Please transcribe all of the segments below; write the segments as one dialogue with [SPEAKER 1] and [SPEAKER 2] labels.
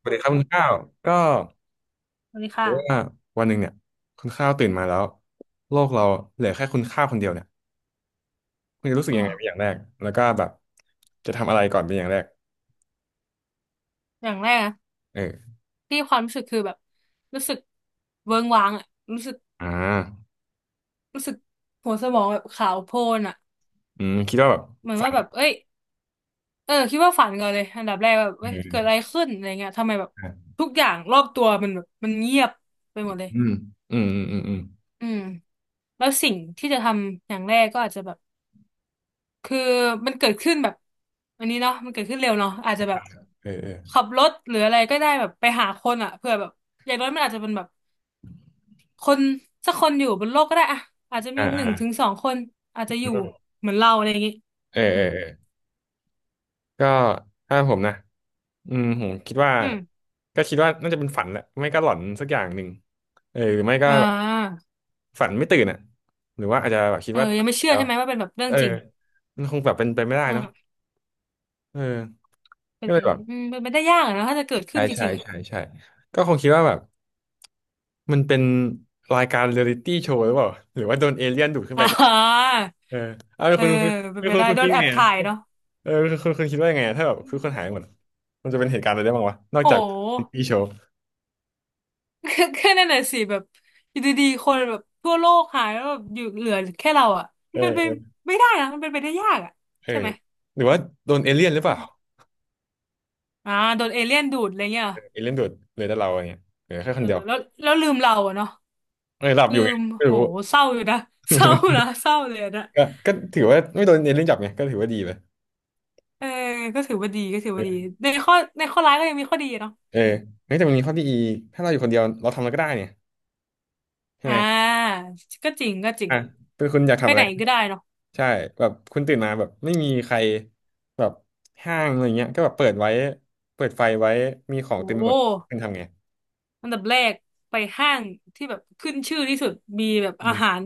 [SPEAKER 1] สวัสดีครับคุณข้าวก็
[SPEAKER 2] สวัสดี
[SPEAKER 1] ว่า
[SPEAKER 2] ค่ะ
[SPEAKER 1] วันหนึ่งเนี่ยคุณข้าวตื่นมาแล้วโลกเราเหลือแค่คุณข้าวคนเดียวเนี่ยคุณจะรู้สึก
[SPEAKER 2] อ๋อ
[SPEAKER 1] ยังไงเป็นอย่างแรกแล้วก็แบบจะทำอะไรก่อนเป็นอย่างแรก
[SPEAKER 2] อย่างแรกนะ
[SPEAKER 1] เออ
[SPEAKER 2] ที่ความรู้สึกคือแบบรู้สึกเวิ้งว้างอะรู้สึก
[SPEAKER 1] อ่า
[SPEAKER 2] รู้สึกหัวสมองแบบขาวโพลนอะ
[SPEAKER 1] อืมคิดว่าแบบ
[SPEAKER 2] เหมือน
[SPEAKER 1] ฝั
[SPEAKER 2] ว่า
[SPEAKER 1] น
[SPEAKER 2] แบบเอ้ยเออคิดว่าฝันก่อนเลยอันดับแรกแบบ
[SPEAKER 1] เอ
[SPEAKER 2] เอ้ยเกิดอะไร
[SPEAKER 1] อ
[SPEAKER 2] ขึ้นอะไรเงี้ยทำไมแบบ
[SPEAKER 1] อ่ะ
[SPEAKER 2] ทุกอย่างรอบตัวมันแบบมันเงียบไปหมดเลย
[SPEAKER 1] อืมอืมอืมอืมอืม
[SPEAKER 2] อืมแล้วสิ่งที่จะทำอย่างแรกก็อาจจะแบบคือมันเกิดขึ้นแบบอันนี้เนาะมันเกิดขึ้นเร็วเนาะอาจจะแบบ
[SPEAKER 1] เออเออ
[SPEAKER 2] ขับรถหรืออะไรก็ได้แบบไปหาคนอ่ะเผื่อแบบอย่างน้อยมันอาจจะเป็นแบบ คนสักคนอยู่บนโลกก็ได้อะอาจจะ
[SPEAKER 1] อ่า
[SPEAKER 2] มีห
[SPEAKER 1] อ่า
[SPEAKER 2] นึ่งถึงสองคนอาจจะอยู่
[SPEAKER 1] อืม
[SPEAKER 2] เหมือนเราอะไรอย่างงี้
[SPEAKER 1] เออ
[SPEAKER 2] อื
[SPEAKER 1] เออ
[SPEAKER 2] ม
[SPEAKER 1] เออก็ถ้าผมนะอืมผมคิดว่า
[SPEAKER 2] อืม
[SPEAKER 1] ก็คิดว่าน่าจะเป็นฝันแหละไม่ก็หลอนสักอย่างหนึ่งเออหรือไม่ก็
[SPEAKER 2] อ่า
[SPEAKER 1] แบบฝันไม่ตื่นอ่ะหรือว่าอาจจะแบบคิด
[SPEAKER 2] เออ
[SPEAKER 1] ว่า
[SPEAKER 2] ยังไม่เชื่อใช่ไหมว่าเป็นแบบเรื่อ
[SPEAKER 1] เอ
[SPEAKER 2] ง
[SPEAKER 1] อ
[SPEAKER 2] จริง
[SPEAKER 1] มันคงแบบเป็นไปไม่ได้
[SPEAKER 2] อื
[SPEAKER 1] เนาะ
[SPEAKER 2] ม
[SPEAKER 1] เออ
[SPEAKER 2] เป็
[SPEAKER 1] ก็
[SPEAKER 2] น
[SPEAKER 1] เล
[SPEAKER 2] ไป
[SPEAKER 1] ยแบบ
[SPEAKER 2] เป็นไปได้ยากอะนะถ้าจะเกิดขึ้
[SPEAKER 1] ใช่
[SPEAKER 2] นจ
[SPEAKER 1] ใช่
[SPEAKER 2] ริงๆอ่ะ
[SPEAKER 1] ใช่ใช่ก็คงคิดว่าแบบมันเป็นรายการเรียลิตี้โชว์หรือเปล่าหรือว่าโดนเอเลี่ยนดูดขึ้น ไป
[SPEAKER 2] อ่
[SPEAKER 1] ก็
[SPEAKER 2] า
[SPEAKER 1] เออเอา
[SPEAKER 2] เออ
[SPEAKER 1] คุณคุณ
[SPEAKER 2] เป็
[SPEAKER 1] คุ
[SPEAKER 2] น
[SPEAKER 1] ณ
[SPEAKER 2] ไป
[SPEAKER 1] คุณ
[SPEAKER 2] ได้
[SPEAKER 1] คุณ
[SPEAKER 2] โด
[SPEAKER 1] คิ
[SPEAKER 2] น
[SPEAKER 1] ด
[SPEAKER 2] แอ
[SPEAKER 1] ไง
[SPEAKER 2] บ
[SPEAKER 1] อะ
[SPEAKER 2] ถ่ายเนาะ
[SPEAKER 1] เออคุณคิดว่ายังไงอะถ้าแบบ
[SPEAKER 2] อื
[SPEAKER 1] คือคนหายหมด
[SPEAKER 2] ม
[SPEAKER 1] อะมันจะเป็นเหตุการณ์อะไรได้บ้างวะนอก
[SPEAKER 2] โอ้
[SPEAKER 1] จาก
[SPEAKER 2] โห
[SPEAKER 1] เรียลิตี้โชว์
[SPEAKER 2] ก็นั่นน่ะสิแบบอยู่ดีๆคนแบบทั่วโลกหายแล้วแบบอยู่เหลือแค่เราอ่ะ
[SPEAKER 1] เอ
[SPEAKER 2] มั
[SPEAKER 1] อ
[SPEAKER 2] นเป็นไป
[SPEAKER 1] เออ
[SPEAKER 2] ไม่ได้นะมันเป็นไปได้ยากอ่ะ
[SPEAKER 1] เออ
[SPEAKER 2] ใช่ไหม
[SPEAKER 1] หรือว่าโดนเอเลี่ยนหรือเป
[SPEAKER 2] อื
[SPEAKER 1] ล่า
[SPEAKER 2] มอ่าโดนเอเลี่ยนดูดอะไรเงี้ย
[SPEAKER 1] เอเลี่ยนดูดเลยแต่เราอะไรเงี้ยเหลือแค่ค
[SPEAKER 2] เอ
[SPEAKER 1] นเดีย
[SPEAKER 2] อ
[SPEAKER 1] ว
[SPEAKER 2] แล้วลืมเราอะเนาะ
[SPEAKER 1] เออหลับอ
[SPEAKER 2] ลื
[SPEAKER 1] ยู่ไง
[SPEAKER 2] ม
[SPEAKER 1] ไม่
[SPEAKER 2] โห
[SPEAKER 1] รู้
[SPEAKER 2] เศร้าอยู่นะ เศร้านะเศร้าเลยอะนะ
[SPEAKER 1] ก็ถือว่าไม่โดนเอเลี่ยนจับไงก็ถือว่าดีไป
[SPEAKER 2] เออก็ถือว่าดีในข้อร้ายก็ยังมีข้อดีอะเนาะ
[SPEAKER 1] เอ
[SPEAKER 2] อ
[SPEAKER 1] อ
[SPEAKER 2] ม
[SPEAKER 1] ้แต่มันมีข้อดีอีกถ้าเราอยู่คนเดียวเราทำอะไรก็ได้เนี่ยใช่
[SPEAKER 2] อ่
[SPEAKER 1] ไหม
[SPEAKER 2] าก็จริง
[SPEAKER 1] อ่ะเป็นคุณอยาก
[SPEAKER 2] ไป
[SPEAKER 1] ทำอะ
[SPEAKER 2] ไห
[SPEAKER 1] ไร
[SPEAKER 2] นก็ได้เนาะ
[SPEAKER 1] ใช่แบบคุณตื่นมาแบบไม่มีใครแบบห้างอะไรเงี้ยก็แบบเปิดไว้ เปิดไฟไว้ มีขอ
[SPEAKER 2] โอ
[SPEAKER 1] งเต็มไปหมด
[SPEAKER 2] ้
[SPEAKER 1] คุณทำไง
[SPEAKER 2] อันดับแรกไปห้างที่แบบขึ้นชื่อที่สุดมีแบบ
[SPEAKER 1] อื
[SPEAKER 2] อา
[SPEAKER 1] ม
[SPEAKER 2] หาร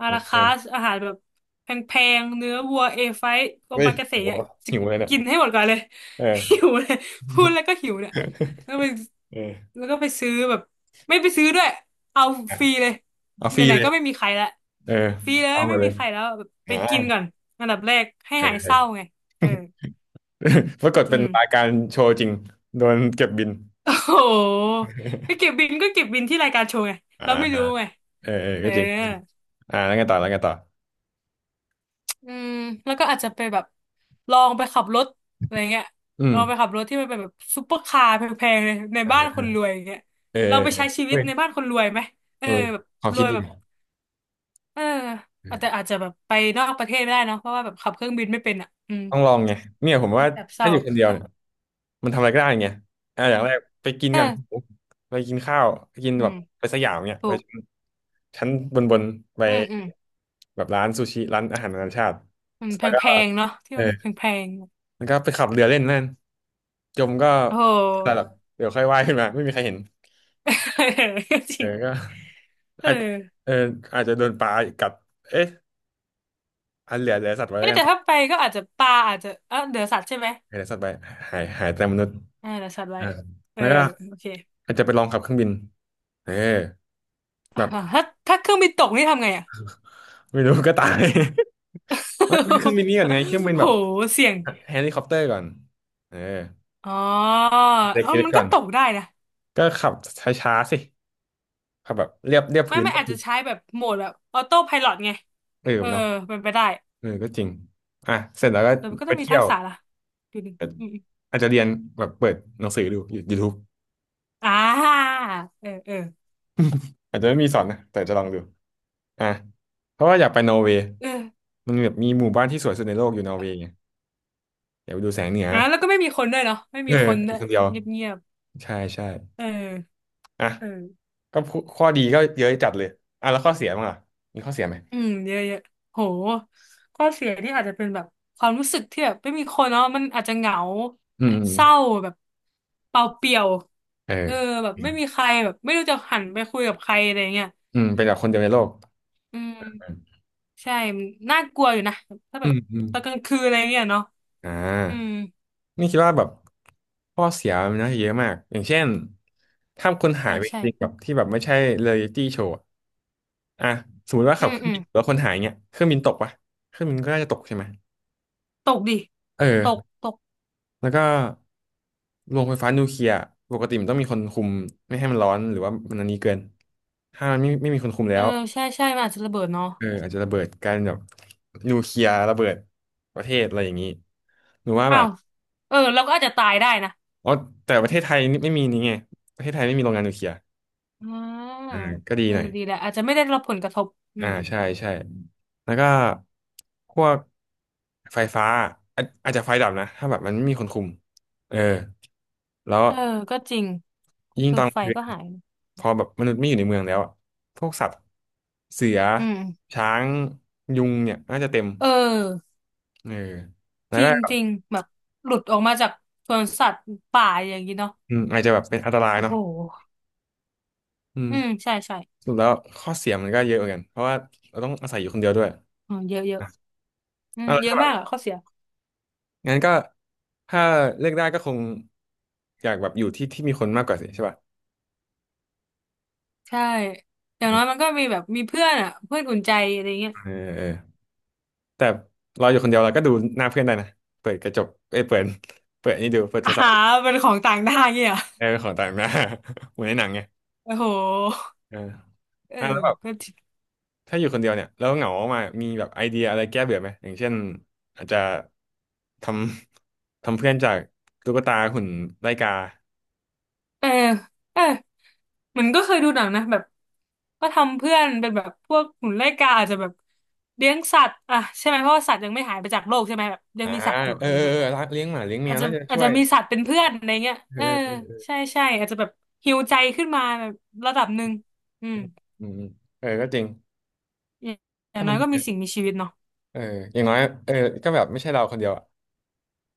[SPEAKER 2] อา
[SPEAKER 1] อื
[SPEAKER 2] รา
[SPEAKER 1] มอื
[SPEAKER 2] คา
[SPEAKER 1] ม
[SPEAKER 2] สอาหารแบบแพงๆเนื้อวัวเอไฟโอ
[SPEAKER 1] เฮ้ย
[SPEAKER 2] มากาเสะ
[SPEAKER 1] โห
[SPEAKER 2] เนี่ยจะ
[SPEAKER 1] หิวเลยเนี่ย
[SPEAKER 2] กินให้หมดก่อนเลย
[SPEAKER 1] เออ
[SPEAKER 2] หิวเลยพูดแล้วก็หิวเนี่ย แล้วไป
[SPEAKER 1] เออ
[SPEAKER 2] แล้วก็ไปซื้อแบบไม่ไปซื้อด้วยเอา
[SPEAKER 1] อ่ะ
[SPEAKER 2] ฟรีเลย
[SPEAKER 1] เอา
[SPEAKER 2] ไห
[SPEAKER 1] ฟรี
[SPEAKER 2] น
[SPEAKER 1] เล
[SPEAKER 2] ๆ
[SPEAKER 1] ย
[SPEAKER 2] ก็ไม่มีใครละ
[SPEAKER 1] เออ
[SPEAKER 2] ฟรีเลย
[SPEAKER 1] เอามา
[SPEAKER 2] ไม่
[SPEAKER 1] เล
[SPEAKER 2] มี
[SPEAKER 1] ย
[SPEAKER 2] ใครแล้วแบบไป
[SPEAKER 1] อ่า
[SPEAKER 2] กินก่อนอันดับแรกให้
[SPEAKER 1] เออ
[SPEAKER 2] หาย
[SPEAKER 1] เอ
[SPEAKER 2] เศ
[SPEAKER 1] อ
[SPEAKER 2] ร้าไงเออ
[SPEAKER 1] ปรากฏ
[SPEAKER 2] อื
[SPEAKER 1] เป็น
[SPEAKER 2] ม
[SPEAKER 1] รายการโชว์จริงโดนเก็บบิน
[SPEAKER 2] โอ้โหไปเก็บบินก็เก็บบินที่รายการโชว์ไง
[SPEAKER 1] อ่า
[SPEAKER 2] เราไม่รู้ไง
[SPEAKER 1] เออเออ
[SPEAKER 2] เอ
[SPEAKER 1] ก็
[SPEAKER 2] อ
[SPEAKER 1] จริงอ่าแล้วไงต่อแล้วไงต่อ
[SPEAKER 2] อืมแล้วก็อาจจะไปแบบลองไปขับรถอะไรเงี้ย
[SPEAKER 1] อื
[SPEAKER 2] ลองไปขั
[SPEAKER 1] ม
[SPEAKER 2] บรถที่มันเป็นแบบซุปเปอร์คาร์แพงๆเลยในบ้านคนรวยอย่างเงี้ย
[SPEAKER 1] เออ
[SPEAKER 2] ลองไปใช้ชีวิ
[SPEAKER 1] เฮ้
[SPEAKER 2] ต
[SPEAKER 1] ย
[SPEAKER 2] ในบ้านคนรวยไหมเอ
[SPEAKER 1] เอ
[SPEAKER 2] อ
[SPEAKER 1] อ
[SPEAKER 2] แบบ
[SPEAKER 1] ความ
[SPEAKER 2] ร
[SPEAKER 1] คิ
[SPEAKER 2] ว
[SPEAKER 1] ด
[SPEAKER 2] ย
[SPEAKER 1] ดี
[SPEAKER 2] แบบเออ
[SPEAKER 1] เอ
[SPEAKER 2] แต่
[SPEAKER 1] อ
[SPEAKER 2] อาจจะแบบไปนอกประเทศไม่ได้เนาะเพราะว่าแบบขับเครื่องบินไม่เป็นอ่ะอืม
[SPEAKER 1] ต้องลองไงเนี่ยผมว่า
[SPEAKER 2] แบบเศ
[SPEAKER 1] ถ้า
[SPEAKER 2] ร้า
[SPEAKER 1] อยู่คนเดียว
[SPEAKER 2] เออ
[SPEAKER 1] เนี่ยมันทำอะไรก็ได้ไงอ่ะอ
[SPEAKER 2] เอ
[SPEAKER 1] ย่าง
[SPEAKER 2] อ
[SPEAKER 1] แรกไปกิน
[SPEAKER 2] เออ
[SPEAKER 1] กัน ไปกินข้าวไปกิน
[SPEAKER 2] อื
[SPEAKER 1] แบบ
[SPEAKER 2] ม
[SPEAKER 1] ไปสยามเนี่ย
[SPEAKER 2] ถู
[SPEAKER 1] ไป
[SPEAKER 2] ก
[SPEAKER 1] ชั้นบนบนไป
[SPEAKER 2] อืมอืม
[SPEAKER 1] แบบร้านซูชิ ร้านอาหารนานาชาติ
[SPEAKER 2] อืม
[SPEAKER 1] แล้วก็
[SPEAKER 2] แพงๆเนาะที่
[SPEAKER 1] เออ
[SPEAKER 2] มันแพง
[SPEAKER 1] แล้วก็ไปขับเรือเล่นนั่นจมก็
[SPEAKER 2] ๆโอ้โ
[SPEAKER 1] แต่แบบ
[SPEAKER 2] ห
[SPEAKER 1] เดี๋ยวค่อยว่ายขึ้นมา ไม่มีใครเห็น
[SPEAKER 2] จ
[SPEAKER 1] เอ
[SPEAKER 2] ริ
[SPEAKER 1] อก็
[SPEAKER 2] งเออ
[SPEAKER 1] อาจเอออาจจะโดนปลากัดเอ๊ะอันเหลือเหลือสัตว์ไว้แล้ว
[SPEAKER 2] เอ๊ะ
[SPEAKER 1] กัน
[SPEAKER 2] แต่ถ้าไปก็อาจจะปลาอาจจะเออเดือสัตว์ใช่ไหม
[SPEAKER 1] เหลือสัตว์ไว้หายหายแต่มนุษย์
[SPEAKER 2] อ่าเดี๋ยวสัตว์ไว้
[SPEAKER 1] อ่า
[SPEAKER 2] เออ
[SPEAKER 1] แล้วก็
[SPEAKER 2] โอเค
[SPEAKER 1] อาจจะไปลองขับเครื่องบินเออแบ
[SPEAKER 2] อ่า
[SPEAKER 1] บ
[SPEAKER 2] ถ้าถ้าเครื่องบินตกนี่ทำไงอ่ะ
[SPEAKER 1] ไม่รู้ก็ตาย ไม่เครื่องบินนี่ก่อนไงเครื่องบิ น
[SPEAKER 2] โห
[SPEAKER 1] แบบ
[SPEAKER 2] เสี่ยง
[SPEAKER 1] เฮลิคอปเตอร์ก่อนเออ
[SPEAKER 2] อ๋อเออ
[SPEAKER 1] เด็ก
[SPEAKER 2] มั
[SPEAKER 1] ๆ
[SPEAKER 2] น
[SPEAKER 1] ก่
[SPEAKER 2] ก็
[SPEAKER 1] อน
[SPEAKER 2] ตกได้นะ
[SPEAKER 1] ก็ขับช้าๆสิขับแบบเรียบเรียบ
[SPEAKER 2] ไม่
[SPEAKER 1] พื้น
[SPEAKER 2] ไม่
[SPEAKER 1] ก็
[SPEAKER 2] อาจ
[SPEAKER 1] คื
[SPEAKER 2] จะ
[SPEAKER 1] อ
[SPEAKER 2] ใช้แบบโหมดแบบออโต้ไพลอตไง
[SPEAKER 1] เออ
[SPEAKER 2] เออ
[SPEAKER 1] เนาะ
[SPEAKER 2] เป็นไปได้
[SPEAKER 1] เออก็จริงอ่ะเสร็จแล้วก็
[SPEAKER 2] แต่มันก็
[SPEAKER 1] ไป
[SPEAKER 2] ต้องมี
[SPEAKER 1] เที่
[SPEAKER 2] ทั
[SPEAKER 1] ย
[SPEAKER 2] ก
[SPEAKER 1] ว
[SPEAKER 2] ษะล่ะดูหนึ่ง
[SPEAKER 1] อาจ
[SPEAKER 2] อืม
[SPEAKER 1] อาจจะเรียนแบบเปิดหนังสือดูยูทูบ
[SPEAKER 2] ๆอ่าเออเออ
[SPEAKER 1] อาจจะไม่มีสอนนะแต่จะลองดูอ่ะเพราะว่าอยากไปนอร์เวย์
[SPEAKER 2] เออ
[SPEAKER 1] มันแบบมีหมู่บ้านที่สวยสุดในโลกอยู่นอร์เวย์ไงอยากไปดูแสงเหนือ
[SPEAKER 2] อ่าแล้วก็ไม่มีคนด้วยเนาะไม่
[SPEAKER 1] เอ
[SPEAKER 2] มี
[SPEAKER 1] อ
[SPEAKER 2] คน
[SPEAKER 1] อ
[SPEAKER 2] ด้ว
[SPEAKER 1] ยู่
[SPEAKER 2] ย
[SPEAKER 1] คนเดียว
[SPEAKER 2] เงียบเงียบ
[SPEAKER 1] ใช่ใช่
[SPEAKER 2] เออ
[SPEAKER 1] อ่ะ
[SPEAKER 2] เออ
[SPEAKER 1] ก็พูข้อดีก็เยอะจัดเลยอ่ะแล้วข้อเสียมั้างอ่ะ มีข้อเสียไหม
[SPEAKER 2] อืมเยอะแยะโหข้อเสียที่อาจจะเป็นแบบความรู้สึกที่แบบไม่มีคนเนาะมันอาจจะเหงา
[SPEAKER 1] อืมอืม
[SPEAKER 2] เศร้าแบบเปล่าเปลี่ยว
[SPEAKER 1] เอ
[SPEAKER 2] เอ
[SPEAKER 1] อ
[SPEAKER 2] อแบบไม่มีใครแบบไม่รู้จะหันไปคุยกับใครอะไรเงี้ย
[SPEAKER 1] เป็นแบบคนเดียวในโลก
[SPEAKER 2] อืมใช่มันน่ากลัวอยู่นะถ้าแบ
[SPEAKER 1] อื
[SPEAKER 2] บ
[SPEAKER 1] มอืม
[SPEAKER 2] ตอนกลางคืนอะไรเงี้ยเนาะ
[SPEAKER 1] อ่า
[SPEAKER 2] อืม
[SPEAKER 1] นี่คิดว่าแบบข้อเสียมันนาจะเยอะมากอย่างเช่นถ้าคนหา
[SPEAKER 2] ใช่
[SPEAKER 1] ยไปจ
[SPEAKER 2] ใช่
[SPEAKER 1] ริงๆแบบที่แบบไม่ใช่เร a ยลิตี้โชว์อ่ะสมมติว่า
[SPEAKER 2] อื
[SPEAKER 1] ขับ
[SPEAKER 2] ม
[SPEAKER 1] เครื่อ
[SPEAKER 2] อื
[SPEAKER 1] ง
[SPEAKER 2] ม
[SPEAKER 1] บินแล้วคนหายเงี้ยเครื่องบินตกปะเครื่องบินก็น่าจะตกใช่ไหม
[SPEAKER 2] ตกดิตก
[SPEAKER 1] เออ
[SPEAKER 2] ตก
[SPEAKER 1] แล้วก็โรงไฟฟ้านิวเคลียร์ปกติมันต้องมีคนคุมไม่ให้มันร้อนหรือว่ามันอันนี้เกินถ้ามันไม่มีคนคุม
[SPEAKER 2] เอ
[SPEAKER 1] แล้
[SPEAKER 2] อ
[SPEAKER 1] ว
[SPEAKER 2] ใช่ใช่มันอาจจะระเบิดเนาะ
[SPEAKER 1] เอออาจจะระเบิดกลายเป็นแบบนิวเคลียร์ระเบิดประเทศอะไรอย่างนี้หรือว่าแบ
[SPEAKER 2] อ้า
[SPEAKER 1] บ
[SPEAKER 2] วเออเราก็อาจจะตายได้นะ
[SPEAKER 1] อ๋อแต่ประเทศไทยนี่ไม่มีนี่ไงประเทศไทยไม่มีโรงงานนิวเคลียร์
[SPEAKER 2] อ่า
[SPEAKER 1] อ่าก็ดี
[SPEAKER 2] เออ
[SPEAKER 1] หน่อย
[SPEAKER 2] ดีแหละอาจจะไม่ได้รับผลกระทบอื
[SPEAKER 1] อ่า
[SPEAKER 2] มอืม
[SPEAKER 1] ใช่ใช่แล้วก็พวกไฟฟ้าอาจจะไฟดับนะถ้าแบบมันไม่มีคนคุมเออแล้ว
[SPEAKER 2] เออก็จริง
[SPEAKER 1] ยิ่ง
[SPEAKER 2] เออ
[SPEAKER 1] ตอนก
[SPEAKER 2] ไฟ
[SPEAKER 1] ลางคืน
[SPEAKER 2] ก็หาย
[SPEAKER 1] พอแบบมนุษย์ไม่อยู่ในเมืองแล้วอะพวกสัตว์เสือ
[SPEAKER 2] อืม
[SPEAKER 1] ช้างยุงเนี่ยน่าจะเต็ม
[SPEAKER 2] เออ
[SPEAKER 1] เออแล้ว
[SPEAKER 2] จริ
[SPEAKER 1] ก็
[SPEAKER 2] ง
[SPEAKER 1] แบ
[SPEAKER 2] จ
[SPEAKER 1] บ
[SPEAKER 2] ริงแบบหลุดออกมาจากสวนสัตว์ป่าอย่างนี้เนาะ
[SPEAKER 1] อืมอาจจะแบบเป็นอันตราย
[SPEAKER 2] โอ้
[SPEAKER 1] เนาะ
[SPEAKER 2] โห
[SPEAKER 1] อืม
[SPEAKER 2] อืมใช่ใช่
[SPEAKER 1] สรุดแล้วข้อเสียมันก็เยอะเหมือนกันเพราะว่าเราต้องอาศัยอยู่คนเดียวด้วยอ่ะ
[SPEAKER 2] อืมเยอะเยอะอืม
[SPEAKER 1] เอาละ
[SPEAKER 2] เย
[SPEAKER 1] ถ้า
[SPEAKER 2] อะ
[SPEAKER 1] แบบ
[SPEAKER 2] มากอะข้อเสีย
[SPEAKER 1] งั้นก็ถ้าเลือกได้ก็คงอยากแบบอยู่ที่ที่มีคนมากกว่าสิใช่ป่ะ
[SPEAKER 2] ใช่อย่าง
[SPEAKER 1] อื
[SPEAKER 2] น้อ
[SPEAKER 1] ม
[SPEAKER 2] ยมันก็มีแบบมีเพื่อนอะเพื่อนอุ่นใจอะไรเงี้ย
[SPEAKER 1] เออเออแต่เราอยู่คนเดียวเราก็ดูหน้าเพื่อนได้นะเปิดกระจกเอ้ยเปิดเปิดนี่ดูเปิด โทร
[SPEAKER 2] อ่า
[SPEAKER 1] ศัพท์
[SPEAKER 2] เป็นของต่างด้าวเงี้ยเหรอ
[SPEAKER 1] เออของต่างหน้า เหมือนในหนังไง
[SPEAKER 2] โอ้โห
[SPEAKER 1] เออ
[SPEAKER 2] เออ
[SPEAKER 1] อ่ะแล้วแบบ
[SPEAKER 2] ก็
[SPEAKER 1] ถ้าอยู่คนเดียวเนี่ยแล้วเหงามากๆมีแบบไอเดียอะไรแก้เบื่อไหมอย่างเช่นอาจจะทำ ทำเพื่อนจากตุ๊กตาหุ่นไล่กา
[SPEAKER 2] เออเออเหมือนก็เคยดูหนังนะแบบก็ทำเพื่อนเป็นแบบพวกหนุนไล่กาอาจจะแบบเลี้ยงสัตว์อ่ะใช่ไหมเพราะว่าสัตว์ยังไม่หายไปจากโลกใช่ไหมแบบยัง
[SPEAKER 1] อ่า
[SPEAKER 2] มีสัตว์อยู่
[SPEAKER 1] เอ
[SPEAKER 2] อะ
[SPEAKER 1] อ
[SPEAKER 2] ไร
[SPEAKER 1] เออ
[SPEAKER 2] เงี้ย
[SPEAKER 1] เออเลี้ยงหมาเลี้ยงแม
[SPEAKER 2] อาจ
[SPEAKER 1] ว
[SPEAKER 2] จะ
[SPEAKER 1] น่าจะ
[SPEAKER 2] อาจ
[SPEAKER 1] ช่ว
[SPEAKER 2] จะ
[SPEAKER 1] ย
[SPEAKER 2] มีสัตว์เป็นเพื่อนอะไรเงี้ย
[SPEAKER 1] เออ
[SPEAKER 2] เออ
[SPEAKER 1] เออ
[SPEAKER 2] ใช่ใช่อาจจะแบบฮีลใจขึ้นมาแบบระดับหนึ่งอืม
[SPEAKER 1] อืมเออก็จริง
[SPEAKER 2] อย่างอย่า
[SPEAKER 1] ถ้า
[SPEAKER 2] ง
[SPEAKER 1] มั
[SPEAKER 2] น้อ
[SPEAKER 1] น
[SPEAKER 2] ย
[SPEAKER 1] ดี
[SPEAKER 2] ก็มี
[SPEAKER 1] นะ
[SPEAKER 2] สิ่งมีชีวิตเนาะ
[SPEAKER 1] เอออย่างน้อยเออก็แบบไม่ใช่เราคนเดียวอ่ะ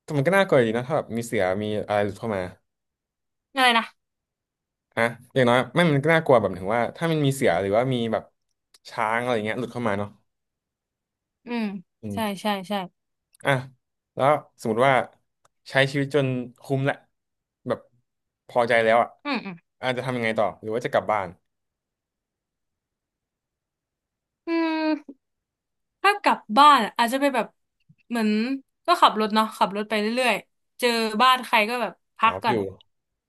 [SPEAKER 1] แต่มันก็น่ากลัวอยู่ดีนะถ้าแบบมีเสือมีอะไรหลุดเข้ามา
[SPEAKER 2] อะไรนะ
[SPEAKER 1] ฮะอย่างน้อยไม่มันก็น่ากลัวแบบถึงว่าถ้ามันมีเสือหรือว่ามีแบบช้างอะไรเงี้ยหลุดเข้ามาเนาะ
[SPEAKER 2] อืมใช่ใช่ใช่
[SPEAKER 1] อ่ะแล้วสมมติว่าใช้ชีวิตจนคุ้มแหละแบบพอใจแล้วอ่ะ
[SPEAKER 2] อืมอืม
[SPEAKER 1] อาจจะทำยังไงต่อหรือว่าจะกลับบ้าน
[SPEAKER 2] อืม ถ้ากลับบ้านอาจจะไปแบบเหมือนก็ขับรถเนาะขับรถไปเรื่อยๆเจอบ้านใครก็แบบพัก
[SPEAKER 1] เอา
[SPEAKER 2] ก่
[SPEAKER 1] อ
[SPEAKER 2] อน
[SPEAKER 1] ยู่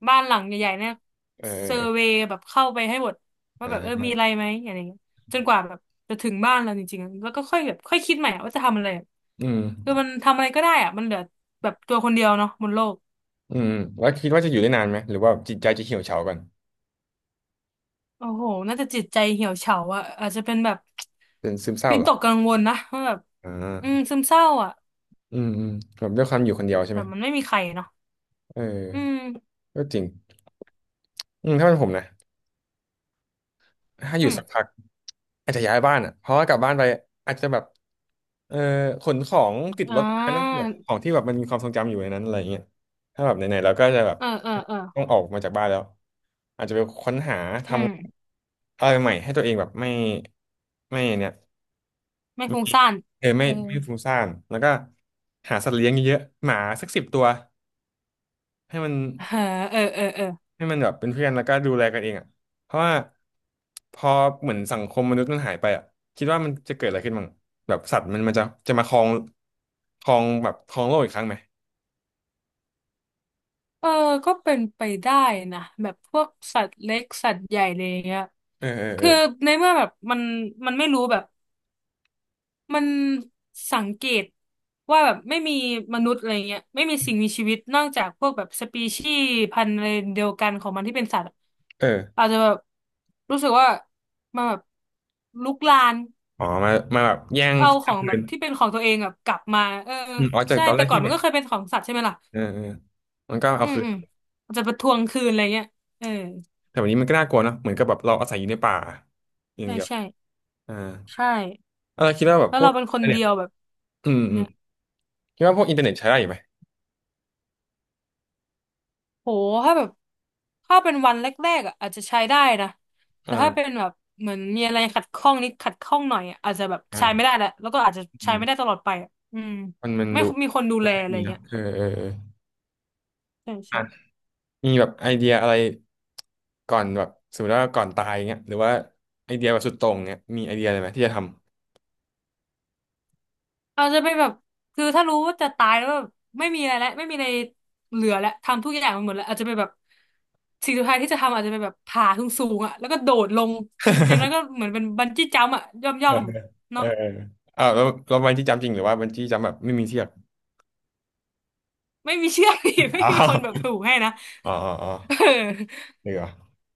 [SPEAKER 2] บ้านหลังใหญ่ๆเนี่ย
[SPEAKER 1] เอ
[SPEAKER 2] เซอร์เว
[SPEAKER 1] อ
[SPEAKER 2] ย์แบบเข้าไปให้หมด
[SPEAKER 1] เอ
[SPEAKER 2] ว่า
[SPEAKER 1] อ
[SPEAKER 2] แบบ
[SPEAKER 1] เอ
[SPEAKER 2] เอ
[SPEAKER 1] อ
[SPEAKER 2] อมีอะไรไหมอะไรอย่างเงี้ยจนกว่าแบบจะถึงบ้านเราจริงๆแล้วก็ค่อยแบบค่อยคิดใหม่ว่าจะทำอะไร
[SPEAKER 1] อืม
[SPEAKER 2] คือมันทำอะไรก็ได้อะมันเหลือแบบตัวคนเดียวเนาะบนโลก
[SPEAKER 1] อืมแล้วคิดว่าจะอยู่ได้นานไหมหรือว่าจิตใจจะเหี่ยวเฉาก่อน
[SPEAKER 2] โอ้โหน่าจะจิตใจเหี่ยวเฉาอะอาจจะเป็นแบบ
[SPEAKER 1] เป็นซึมเศร้า
[SPEAKER 2] วิ
[SPEAKER 1] เหร
[SPEAKER 2] ต
[SPEAKER 1] อ
[SPEAKER 2] กกังวลนะว่าแบบ
[SPEAKER 1] อ่
[SPEAKER 2] อืม
[SPEAKER 1] า
[SPEAKER 2] ซึมเศร้าอะ
[SPEAKER 1] อืมแบบด้วยความอยู่คนเดียวใช่
[SPEAKER 2] แบ
[SPEAKER 1] ไหม
[SPEAKER 2] บมันไม่มีใครเนาะ
[SPEAKER 1] เอ
[SPEAKER 2] อื
[SPEAKER 1] อ
[SPEAKER 2] ม
[SPEAKER 1] ก็จริงอืมถ้าเป็นผมนะ ถ้าอ
[SPEAKER 2] อื
[SPEAKER 1] ยู่
[SPEAKER 2] ม
[SPEAKER 1] สักพักอาจจะย้ายบ้านอ่ะเพราะว่ากลับบ้านไปอาจจะแบบเออขนของติด
[SPEAKER 2] อ่
[SPEAKER 1] รถมานะแบ
[SPEAKER 2] า
[SPEAKER 1] บของที่แบบมันมีความทรงจำอยู่ในนั้นอะไรเงี้ยถ้าแบบไหนๆเราก็จะแบบ
[SPEAKER 2] เออเออเออ
[SPEAKER 1] ต้องออกมาจากบ้านแล้วอาจจะไปค้นหาท
[SPEAKER 2] อืม
[SPEAKER 1] ำอะไรใหม่ให้ตัวเองแบบไม่ไม่เนี่ย
[SPEAKER 2] ไม่
[SPEAKER 1] ไม่
[SPEAKER 2] ฟุ้งซ่าน
[SPEAKER 1] เออไม่
[SPEAKER 2] เออ
[SPEAKER 1] ฟุ้งซ่านแล้วก็หาสัตว์เลี้ยงเยอะๆหมาสัก10 ตัวให้มัน
[SPEAKER 2] เออเออเออเออ
[SPEAKER 1] ให้มันแบบเป็นเพื่อนแล้วก็ดูแลกันเองอ่ะเพราะว่าพอเหมือนสังคมมนุษย์มันหายไปอ่ะคิดว่ามันจะเกิดอะไรขึ้นบ้างแบบสัตว์มันจะมาครองแบบครองโลกอีกครั้งไหม
[SPEAKER 2] เออก็เป็นไปได้นะแบบพวกสัตว์เล็กสัตว์ใหญ่อะไรอย่างเงี้ย
[SPEAKER 1] เออเออเอ
[SPEAKER 2] คื
[SPEAKER 1] อ
[SPEAKER 2] อในเมื่อแบบมันไม่รู้แบบมันสังเกตว่าแบบไม่มีมนุษย์อะไรเงี้ยไม่มีสิ่งมีชีวิตนอกจากพวกแบบสปีชีส์พันธุ์อะไรเดียวกันของมันที่เป็นสัตว์อะ
[SPEAKER 1] เออ
[SPEAKER 2] อาจจะแบบรู้สึกว่ามันแบบลุกลาน
[SPEAKER 1] อ๋อมามาแบบแย่ง
[SPEAKER 2] เอา
[SPEAKER 1] ที่
[SPEAKER 2] ของ
[SPEAKER 1] ทำคื
[SPEAKER 2] แบบ
[SPEAKER 1] น
[SPEAKER 2] ที่เป็นของตัวเองแบบกลับมาเออ
[SPEAKER 1] อืมอ๋อจาก
[SPEAKER 2] ใช่
[SPEAKER 1] ตอนแร
[SPEAKER 2] แต่
[SPEAKER 1] ก
[SPEAKER 2] ก่อ
[SPEAKER 1] ที่
[SPEAKER 2] น
[SPEAKER 1] แบ
[SPEAKER 2] มัน
[SPEAKER 1] บ
[SPEAKER 2] ก็เคยเป็นของสัตว์ใช่ไหมล่ะ
[SPEAKER 1] เออเออมันก็เอา
[SPEAKER 2] อืม
[SPEAKER 1] คื
[SPEAKER 2] อืม
[SPEAKER 1] น
[SPEAKER 2] อาจจะไปทวงคืนอะไรเงี้ยเออ
[SPEAKER 1] แต่วันนี้มันก็น่ากลัวเนอะเหมือนกับแบบเราอาศัยอยู่ในป่าอย่าง
[SPEAKER 2] ใช่
[SPEAKER 1] เดียว
[SPEAKER 2] ใช่
[SPEAKER 1] อ่า
[SPEAKER 2] ใช่
[SPEAKER 1] เออคิดว่าแบบ
[SPEAKER 2] แล้ว
[SPEAKER 1] พว
[SPEAKER 2] เรา
[SPEAKER 1] ก
[SPEAKER 2] เป็นคน
[SPEAKER 1] อินเทอ
[SPEAKER 2] เดี
[SPEAKER 1] ร์
[SPEAKER 2] ยว
[SPEAKER 1] เน็ต
[SPEAKER 2] แบบ
[SPEAKER 1] อืม
[SPEAKER 2] เนี่ย
[SPEAKER 1] คิดว่าพวกอินเทอร์เน็ตใช้ได้อยู่ไหม
[SPEAKER 2] โหถ้าแบบถ้าเป็นวันแรกๆอ่ะอาจจะใช้ได้นะแต่ถ้าเป็น
[SPEAKER 1] อ่า
[SPEAKER 2] แบบเหมือนมีอะไรขัดข้องนิดขัดข้องหน่อยอะอาจจะแบบใช้ไม่ได้
[SPEAKER 1] อ่า
[SPEAKER 2] แหละแล้วก็อาจจะ
[SPEAKER 1] อื
[SPEAKER 2] ใช้ไม่ได้
[SPEAKER 1] ม
[SPEAKER 2] ตลอดไปอะอืม
[SPEAKER 1] มัน
[SPEAKER 2] ไม่
[SPEAKER 1] ดู
[SPEAKER 2] มีคนดูแล
[SPEAKER 1] ไม่
[SPEAKER 2] อะไร
[SPEAKER 1] มีเนาะ
[SPEAKER 2] เงี้ย
[SPEAKER 1] เออเออเ
[SPEAKER 2] ใช่
[SPEAKER 1] ออ
[SPEAKER 2] ใช่
[SPEAKER 1] มีแบบไอเดียอะไรก่อนแบบสมมติว่าก่อนตายเงี้ยหรือว่าไอเดียแบบสุดโต่งเงี้ยมีไอเดียอะไรไหมที่จะทำ
[SPEAKER 2] เราจะไปแบบคือถ้ารู้ว่าจะตายแล้วแบบไม่มีอะไรแล้วไม่มีอะไรเหลือแล้วทำทุกอย่างมันหมดแล้วอาจจะไปแบบสิ่งสุดท้ายที่จะทำอาจจะไปแบบผาสูงสูงอ่ะแล้วก็โดดลงอย่างนั้นก็ เหมือนเป็นบันจี้จัมพ์อ่ะย่อมย่
[SPEAKER 1] เอ
[SPEAKER 2] อ
[SPEAKER 1] อ
[SPEAKER 2] ม
[SPEAKER 1] เออ
[SPEAKER 2] เนาะ
[SPEAKER 1] อ้าวแล้วเราบันจี้จัมป์จริงหรือว่าบันจี้จัมป์แบบไม่มีเทียบ
[SPEAKER 2] ไม่มีเชือก อีกไม่
[SPEAKER 1] อ๋
[SPEAKER 2] มีคนแบบ
[SPEAKER 1] อ
[SPEAKER 2] ผูกให้นะ
[SPEAKER 1] อ๋ออ๋อ
[SPEAKER 2] เออ
[SPEAKER 1] เดี๋ยว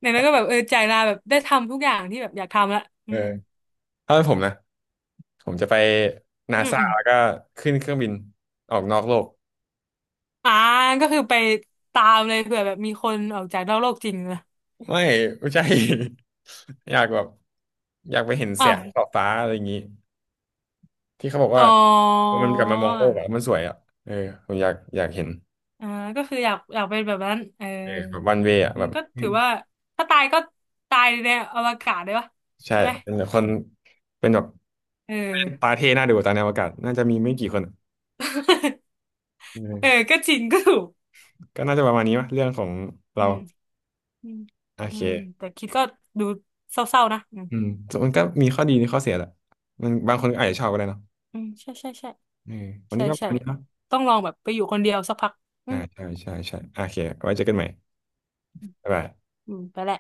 [SPEAKER 2] อย่างนั้นก็แบบเออจ่ายลาแบบได้ทำทุกอย่างที่แบบอยากทำละ
[SPEAKER 1] เอ
[SPEAKER 2] อื
[SPEAKER 1] อ
[SPEAKER 2] ม
[SPEAKER 1] ถ้าเป็นผมนะผมจะไปนา
[SPEAKER 2] อืม
[SPEAKER 1] ซา
[SPEAKER 2] อืม
[SPEAKER 1] แล้วก็ขึ้นเครื่องบินออกนอกโลก
[SPEAKER 2] อ่าก็คือไปตามเลยเผื่อแบบมีคนออกจากนอกโลกจริงนะ
[SPEAKER 1] ไม่ไม่ใช่ อยากแบบอยากไปเห็นแส
[SPEAKER 2] อ้า
[SPEAKER 1] ง
[SPEAKER 2] ว
[SPEAKER 1] ขอบฟ้าอะไรอย่างนี้ที่เขาบอก
[SPEAKER 2] อ๋
[SPEAKER 1] ว่า
[SPEAKER 2] อ
[SPEAKER 1] มันกลับมามองโลกอะมันสวยอะเออผมอยากเห็น
[SPEAKER 2] อ่าก็คืออยากอยากเป็นแบบนั้นเออ
[SPEAKER 1] เออแบบวันเวอ่ะ
[SPEAKER 2] อื
[SPEAKER 1] แบ
[SPEAKER 2] ม
[SPEAKER 1] บ
[SPEAKER 2] ก็ถือว่าถ้าตายก็ตายในอวกาศได้ปะ
[SPEAKER 1] ใช่
[SPEAKER 2] ใช่ไหม
[SPEAKER 1] เป็นแบบคนเป็นแบบ
[SPEAKER 2] เอ
[SPEAKER 1] ตา
[SPEAKER 2] อ
[SPEAKER 1] เท่น่าดูตาในอวกาศน่าจะมีไม่กี่คนอะ
[SPEAKER 2] เออ
[SPEAKER 1] เออ
[SPEAKER 2] ก็จริงก็ถูก
[SPEAKER 1] ก็น่าจะประมาณนี้วะเรื่องของ
[SPEAKER 2] อื
[SPEAKER 1] เรา
[SPEAKER 2] มอืม
[SPEAKER 1] โอ
[SPEAKER 2] อืม
[SPEAKER 1] เค
[SPEAKER 2] แต่คิดก็ดูเศร้าๆนะอืม
[SPEAKER 1] อืมส่วนมันก็มีข้อดีมีข้อเสียแหละมันบางคนก็อาจจะชอบก็ได้เนาะ
[SPEAKER 2] อืมใช่ใช่ใช่
[SPEAKER 1] เออวัน
[SPEAKER 2] ใช่
[SPEAKER 1] นี้ก็ป
[SPEAKER 2] ใช่
[SPEAKER 1] รนี้เนาะ
[SPEAKER 2] ต้องลองแบบไปอยู่คนเดียวสักพักอื
[SPEAKER 1] อ่า
[SPEAKER 2] ม
[SPEAKER 1] ใช่ใช่ใช่โอเคไว้เจอกันใหม่บ๊ายบาย
[SPEAKER 2] อืมไปแหละ